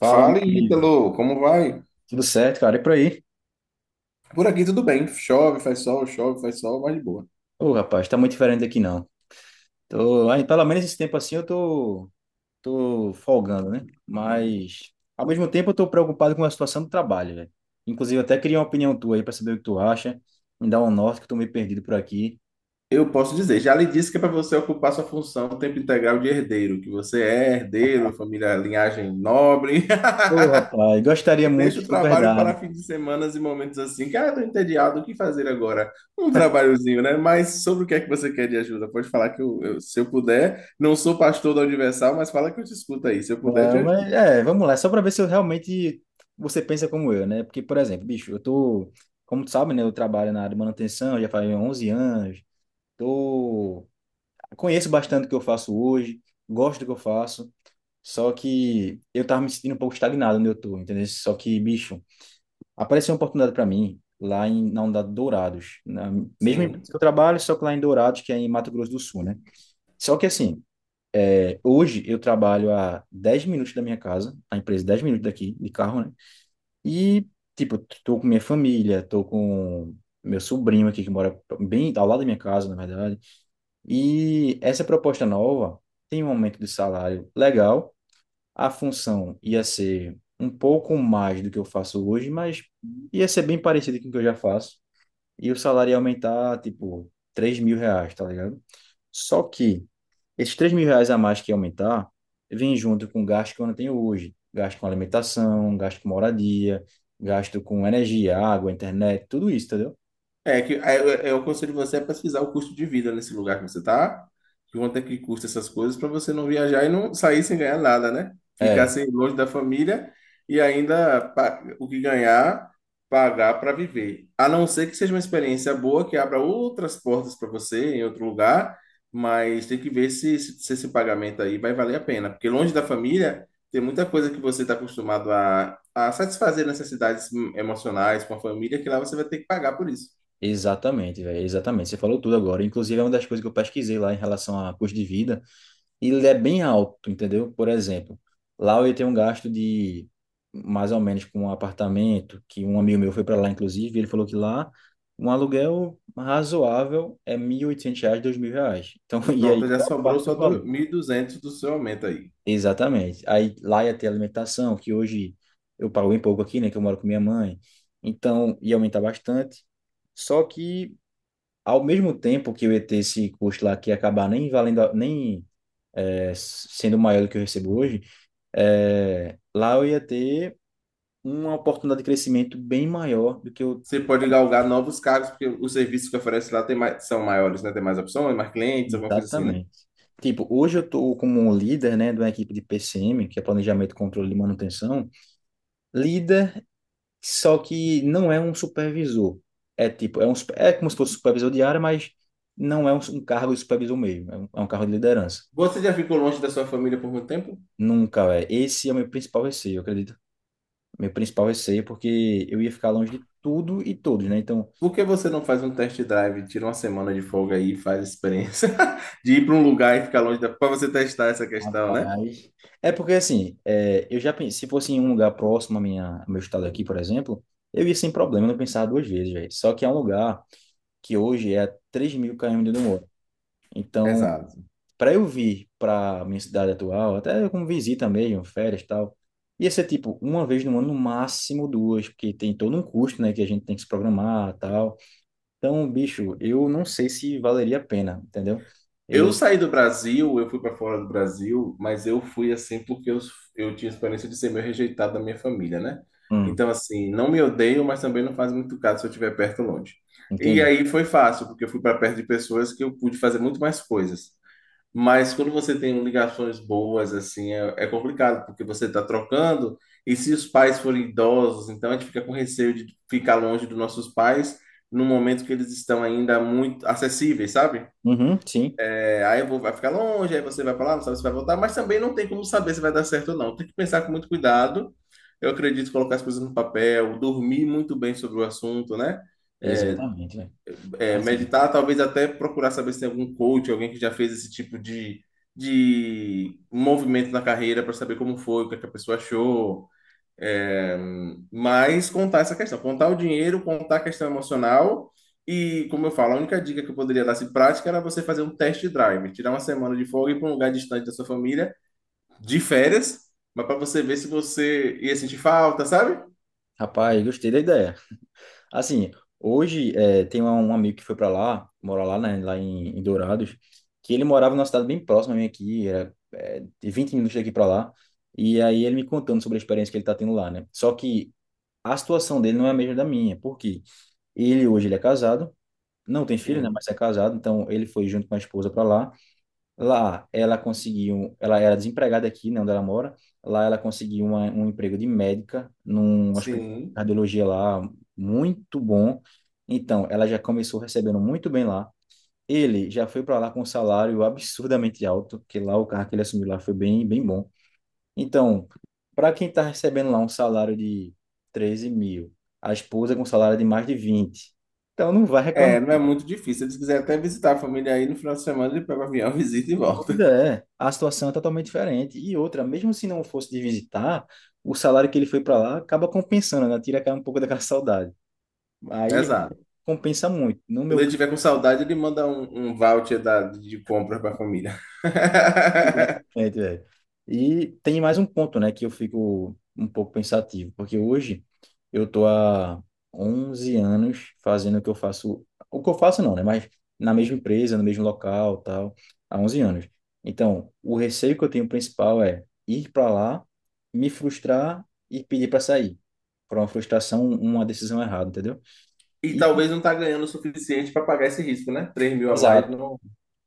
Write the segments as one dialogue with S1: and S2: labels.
S1: Fala, meu
S2: Fala,
S1: amigo.
S2: Ítalo, como vai?
S1: Tudo certo, cara? E por aí?
S2: Por aqui tudo bem. Chove, faz sol, mas de boa.
S1: Ô, rapaz, tá muito diferente daqui não. Tô, aí, pelo menos esse tempo assim eu tô folgando, né? Mas, ao mesmo tempo, eu tô preocupado com a situação do trabalho, velho. Inclusive, eu até queria uma opinião tua aí pra saber o que tu acha. Me dá um norte, que eu tô meio perdido por aqui.
S2: Eu posso dizer, já lhe disse que é para você ocupar sua função o tempo integral de herdeiro, que você é herdeiro, família, linhagem nobre.
S1: Ô, rapaz, gostaria muito
S2: Deixa o
S1: de tudo
S2: trabalho para
S1: verdade.
S2: fins de semanas e momentos assim. Cara, tô entediado, o que fazer agora? Um trabalhozinho, né? Mas sobre o que é que você quer de ajuda? Pode falar que eu se eu puder, não sou pastor da Universal, mas fala que eu te escuto aí. Se eu puder, eu
S1: É,
S2: te ajudo.
S1: mas, é, vamos lá, só para ver se eu realmente você pensa como eu, né? Porque, por exemplo, bicho, eu tô, como tu sabe, né? Eu trabalho na área de manutenção, já faz 11 anos. Tô Conheço bastante o que eu faço hoje, gosto do que eu faço, só que eu tava me sentindo um pouco estagnado onde eu tô, entendeu? Só que, bicho, apareceu uma oportunidade para mim lá na unidade Dourados, na mesma empresa
S2: Sim.
S1: que eu trabalho, só que lá em Dourados, que é em Mato Grosso do Sul, né? Só que assim, é, hoje eu trabalho a 10 minutos da minha casa, a empresa 10 minutos daqui, de carro, né? E, tipo, tô com minha família, tô com meu sobrinho aqui que mora bem ao lado da minha casa, na verdade. E essa proposta nova tem um aumento de salário legal. A função ia ser um pouco mais do que eu faço hoje, mas ia ser bem parecido com o que eu já faço. E o salário ia aumentar, tipo, R$ 3.000, tá ligado? Só que esses R$ 3.000 a mais que ia aumentar vem junto com o gasto que eu não tenho hoje. Gasto com alimentação, gasto com moradia, gasto com energia, água, internet, tudo isso, entendeu?
S2: É que aí eu aconselho você a pesquisar o custo de vida nesse lugar que você tá, quanto é que custa essas coisas para você não viajar e não sair sem ganhar nada, né? Ficar
S1: É.
S2: sem longe da família e ainda o que ganhar, pagar para viver. A não ser que seja uma experiência boa que abra outras portas para você em outro lugar, mas tem que ver se esse pagamento aí vai valer a pena, porque longe da família tem muita coisa que você está acostumado a satisfazer necessidades emocionais com a família que lá você vai ter que pagar por isso.
S1: Exatamente, velho, exatamente. Você falou tudo agora. Inclusive, é uma das coisas que eu pesquisei lá em relação a custo de vida. E ele é bem alto, entendeu? Por exemplo, lá eu ia ter um gasto de mais ou menos com um apartamento, que um amigo meu foi para lá, inclusive, e ele falou que lá um aluguel razoável é R$ 1.800, R$ 2.000. Então, e aí,
S2: Pronto, já
S1: qual a
S2: sobrou
S1: parte
S2: só
S1: do valor?
S2: 1.200 do seu aumento aí.
S1: Exatamente. Aí lá ia ter alimentação, que hoje eu pago bem pouco aqui, né, que eu moro com minha mãe. Então, ia aumentar bastante. Só que ao mesmo tempo que eu ia ter esse custo lá que ia acabar nem valendo, nem é, sendo maior do que eu recebo hoje, é, lá eu ia ter uma oportunidade de crescimento bem maior do que eu.
S2: Você pode galgar novos cargos, porque os serviços que oferece lá tem mais- são maiores, né? Tem mais opções, mais clientes, alguma coisa assim, né?
S1: Exatamente. Tipo, hoje eu estou como um líder, né, de uma equipe de PCM, que é Planejamento, Controle e Manutenção, líder, só que não é um supervisor. É tipo, é como se fosse supervisor de área, mas não é um cargo de supervisor mesmo, é um cargo de liderança.
S2: Você já ficou longe da sua família por muito tempo?
S1: Nunca é. Esse é o meu principal receio. É porque eu ia ficar longe de tudo e todos, né? Então,
S2: Por que você não faz um test drive, tira uma semana de folga aí e faz a experiência de ir para um lugar e ficar longe da... para você testar essa questão, né?
S1: rapaz. É porque assim, é, eu já pensei, se fosse em um lugar próximo à minha, ao meu estado aqui, por exemplo, eu ia sem problema, eu não pensava duas vezes, velho. Só que é um lugar que hoje é a 3 mil km de onde eu moro. Então,
S2: Exato.
S1: para eu vir para minha cidade atual, até como visita mesmo, férias e tal, ia ser tipo uma vez no ano, no máximo duas, porque tem todo um custo, né, que a gente tem que se programar e tal. Então, bicho, eu não sei se valeria a pena, entendeu?
S2: Eu
S1: Eu,
S2: saí do Brasil, eu fui para fora do Brasil, mas eu fui assim porque eu tinha experiência de ser meio rejeitado da minha família, né?
S1: hum,
S2: Então, assim, não me odeio, mas também não faz muito caso se eu estiver perto ou longe. E
S1: entendi.
S2: aí foi fácil, porque eu fui para perto de pessoas que eu pude fazer muito mais coisas. Mas quando você tem ligações boas, assim, é complicado, porque você está trocando, e se os pais forem idosos, então a gente fica com receio de ficar longe dos nossos pais num momento que eles estão ainda muito acessíveis, sabe?
S1: Uhum, sim,
S2: É, aí eu vai ficar longe, aí você vai pra lá, não sabe se vai voltar, mas também não tem como saber se vai dar certo ou não. Tem que pensar com muito cuidado. Eu acredito em colocar as coisas no papel, dormir muito bem sobre o assunto, né? É,
S1: exatamente, né? Assim,
S2: Meditar, talvez até procurar saber se tem algum coach, alguém que já fez esse tipo de movimento na carreira para saber como foi, o que é que a pessoa achou. É, mas contar essa questão, contar o dinheiro, contar a questão emocional e, como eu falo, a única dica que eu poderia dar se prática era você fazer um test drive, tirar uma semana de folga e ir para um lugar distante da sua família, de férias, mas para você ver se você ia sentir falta, sabe?
S1: rapaz, gostei da ideia. Assim, hoje é, tem um amigo que foi para lá, mora lá, né, lá em Dourados, que ele morava numa cidade bem próxima a mim aqui, era é, de 20 minutos daqui para lá, e aí ele me contando sobre a experiência que ele tá tendo lá, né? Só que a situação dele não é a mesma da minha, porque ele hoje ele é casado, não tem filho, né,
S2: Sim.
S1: mas é casado, então ele foi junto com a esposa para lá. Lá ela conseguiu, ela era desempregada aqui, né, onde ela mora. Lá ela conseguiu um emprego de médica num hospital de
S2: Sim.
S1: cardiologia lá muito bom. Então, ela já começou recebendo muito bem lá. Ele já foi para lá com um salário absurdamente alto, que lá o carro que ele assumiu lá foi bem, bem bom. Então, para quem está recebendo lá um salário de 13 mil, a esposa com um salário de mais de vinte, então não vai reclamar.
S2: É, não é muito difícil. Se eles quiserem até visitar a família aí no final de semana, ele pega o avião, visita e
S1: Pois
S2: volta.
S1: é, a situação é totalmente diferente. E outra, mesmo se não fosse de visitar, o salário que ele foi para lá acaba compensando, né? Tira aquela- um pouco daquela saudade. Aí
S2: Exato.
S1: compensa muito. No
S2: Quando
S1: meu.
S2: ele tiver com saudade, ele manda um voucher de compras para a família.
S1: Exatamente, velho. E tem mais um ponto, né, que eu fico um pouco pensativo, porque hoje eu tô há 11 anos fazendo o que eu faço, o que eu faço não, né, mas na mesma empresa, no mesmo local, tal, há 11 anos. Então, o receio que eu tenho principal é ir para lá, me frustrar e pedir para sair. Por uma frustração, uma decisão errada, entendeu?
S2: E
S1: E,
S2: talvez não tá ganhando o suficiente para pagar esse risco, né? 3.000 a mais
S1: exato.
S2: não.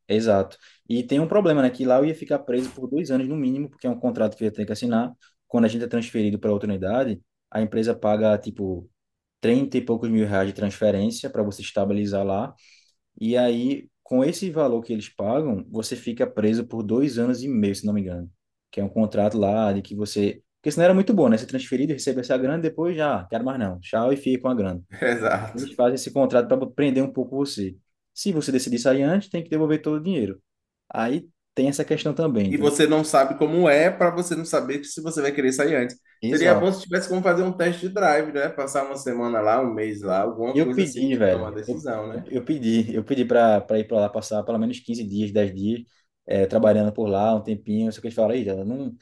S1: Exato. E tem um problema, né? Que lá eu ia ficar preso por 2 anos no mínimo, porque é um contrato que eu ia ter que assinar. Quando a gente é transferido para outra unidade, a empresa paga, tipo, 30 e poucos mil reais de transferência para você estabilizar lá. E aí, com esse valor que eles pagam, você fica preso por 2 anos e meio, se não me engano. Que é um contrato lá de que você. Porque senão era muito bom, né? Ser transferido, receber essa grana, depois já, "Ah, quero mais não. Tchau e fica com a grana."
S2: Exato.
S1: Eles fazem esse contrato para prender um pouco você. Se você decidir sair antes, tem que devolver todo o dinheiro. Aí tem essa questão também,
S2: E
S1: entendeu?
S2: você não sabe como é para você não saber se você vai querer sair antes. Seria
S1: Exato.
S2: bom se tivesse como fazer um teste de drive, né? Passar uma semana lá, um mês lá, alguma
S1: Eu
S2: coisa assim, pra
S1: pedi,
S2: tomar
S1: velho. Eu,
S2: decisão,
S1: eu,
S2: né?
S1: eu pedi, eu pedi pra, pra ir pra lá passar pelo menos 15 dias, 10 dias, trabalhando por lá um tempinho. Só que eles falaram, "Ih, Jada, não,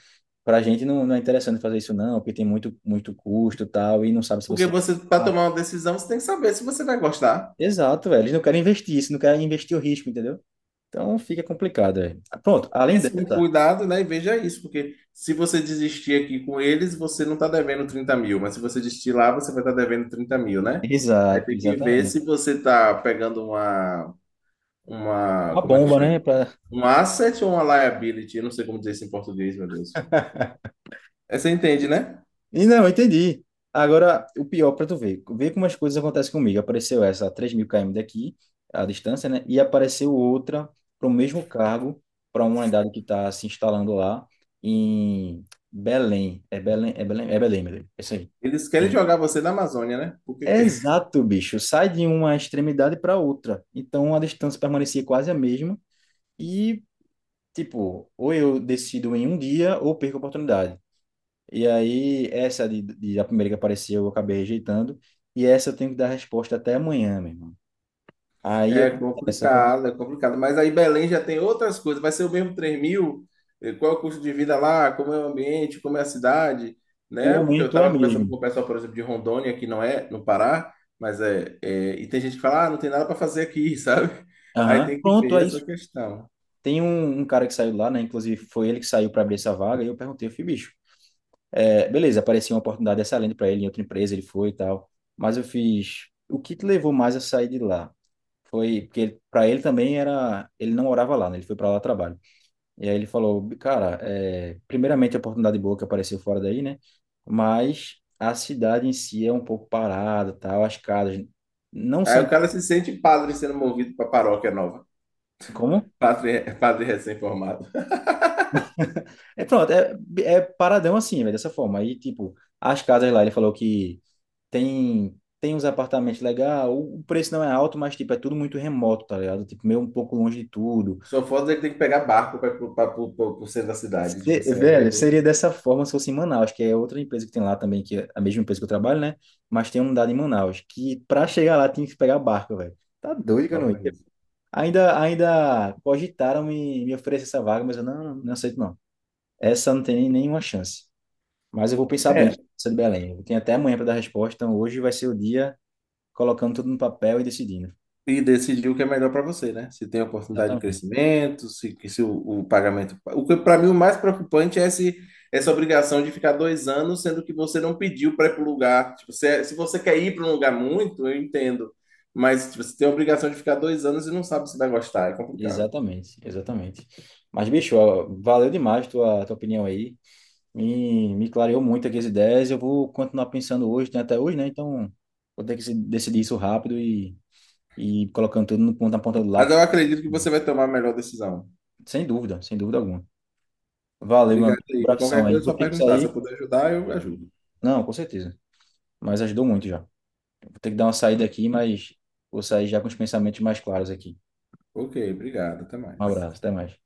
S1: pra gente não, não é interessante fazer isso, não, porque tem muito, muito custo e tal, e não sabe se
S2: Porque
S1: você."
S2: você, para
S1: Ah,
S2: tomar uma decisão, você tem que saber se você vai gostar.
S1: exato, velho. Eles não querem investir isso, não querem investir o risco, entendeu? Então fica complicado, velho. Pronto, além
S2: Pense com
S1: dessa.
S2: cuidado, né? E veja isso, porque se você desistir aqui com eles, você não está devendo 30.000, mas se você desistir lá, você vai estar devendo 30.000, né? Aí
S1: Exato,
S2: tem que ver
S1: exatamente.
S2: se você está pegando uma,
S1: Uma
S2: como é que
S1: bomba,
S2: chama?
S1: né? Pra...
S2: Um asset ou uma liability? Eu não sei como dizer isso em português, meu Deus. É, você entende, né?
S1: E não, eu entendi. Agora, o pior para tu ver, ver como as coisas acontecem comigo. Apareceu essa a 3.000 km daqui, a distância, né? E apareceu outra para o mesmo cargo, para uma unidade que está se instalando lá em Belém. É Belém, é Belém, é Belém, meu Deus. É isso aí.
S2: Eles querem jogar você na Amazônia, né? Porque quer.
S1: Exato, bicho. Sai de uma extremidade para outra. Então a distância permanecia quase a mesma. E, tipo, ou eu decido em um dia ou perco a oportunidade. E aí, a primeira que apareceu, eu acabei rejeitando. E essa eu tenho que dar resposta até amanhã, meu irmão. Aí eu
S2: É
S1: essa eu tô-
S2: complicado, é complicado. Mas aí Belém já tem outras coisas. Vai ser o mesmo 3 mil? Qual é o custo de vida lá? Como é o ambiente? Como é a cidade?
S1: O
S2: Né? Porque eu
S1: aumento é
S2: estava conversando
S1: mesmo.
S2: com o pessoal, por exemplo, de Rondônia, que não é no Pará, mas e tem gente que fala, ah, não tem nada para fazer aqui, sabe? Aí
S1: Aham.
S2: tem que
S1: Pronto,
S2: ver
S1: é
S2: essa
S1: isso.
S2: questão.
S1: Tem um cara que saiu lá, né? Inclusive, foi ele que saiu para abrir essa vaga. E eu perguntei, eu fui, bicho, é, beleza, apareceu uma oportunidade excelente para ele em outra empresa, ele foi e tal. Mas eu fiz, o que te levou mais a sair de lá? Foi porque para ele também era, ele não morava lá, né? Ele foi para lá trabalho. E aí ele falou, cara, é, primeiramente a oportunidade boa que apareceu fora daí, né? Mas a cidade em si é um pouco parada, tal, as casas não
S2: Aí
S1: são
S2: o cara se sente padre sendo movido para paróquia nova.
S1: como?
S2: Padre, padre recém-formado.
S1: É pronto, é, é paradão assim, velho, dessa forma. Aí, tipo, as casas lá, ele falou que tem uns apartamentos legais, o preço não é alto, mas tipo, é tudo muito remoto, tá ligado? Tipo, meio um pouco longe de tudo.
S2: Só foda ele tem que pegar barco para o centro da cidade. Tipo assim, aí vai
S1: Velho,
S2: ver.
S1: seria dessa forma se fosse em Manaus, que é outra empresa que tem lá também, que é a mesma empresa que eu trabalho, né? Mas tem uma unidade em Manaus, que pra chegar lá tinha que pegar barco, velho. Tá doido que eu
S2: Ó,
S1: não ia.
S2: pra isso.
S1: Ainda cogitaram me oferecer essa vaga, mas eu não, não aceito não. Essa não tem nenhuma chance. Mas eu vou pensar bem,
S2: É,
S1: essa de Belém. Eu tenho até amanhã para dar resposta, então hoje vai ser o dia colocando tudo no papel e decidindo.
S2: e decidir o que é melhor para você, né? Se tem oportunidade de
S1: Exatamente.
S2: crescimento, se, que se o, o pagamento. O que para mim o mais preocupante é esse, essa obrigação de ficar 2 anos, sendo que você não pediu para ir para o lugar. Tipo, se você quer ir para um lugar muito, eu entendo. Mas tipo, você tem a obrigação de ficar 2 anos e não sabe se vai gostar, é complicado.
S1: Exatamente, exatamente. Mas, bicho, ó, valeu demais tua opinião aí. Me clareou muito aqui as ideias. Eu vou continuar pensando hoje, né, até hoje, né? Então, vou ter que decidir isso rápido e colocando tudo no ponto, na ponta do
S2: Mas
S1: lápis.
S2: eu acredito que você vai tomar a melhor decisão.
S1: Sem dúvida, sem dúvida alguma. Valeu, meu
S2: Obrigado
S1: amigo.
S2: aí. De
S1: Abração
S2: qualquer
S1: aí.
S2: coisa, é só
S1: Vou ter que
S2: perguntar. Se eu
S1: sair.
S2: puder ajudar, eu ajudo.
S1: Não, com certeza. Mas ajudou muito já. Vou ter que dar uma saída aqui, mas vou sair já com os pensamentos mais claros aqui.
S2: Ok, obrigado. Até
S1: Um
S2: mais.
S1: abraço, até mais.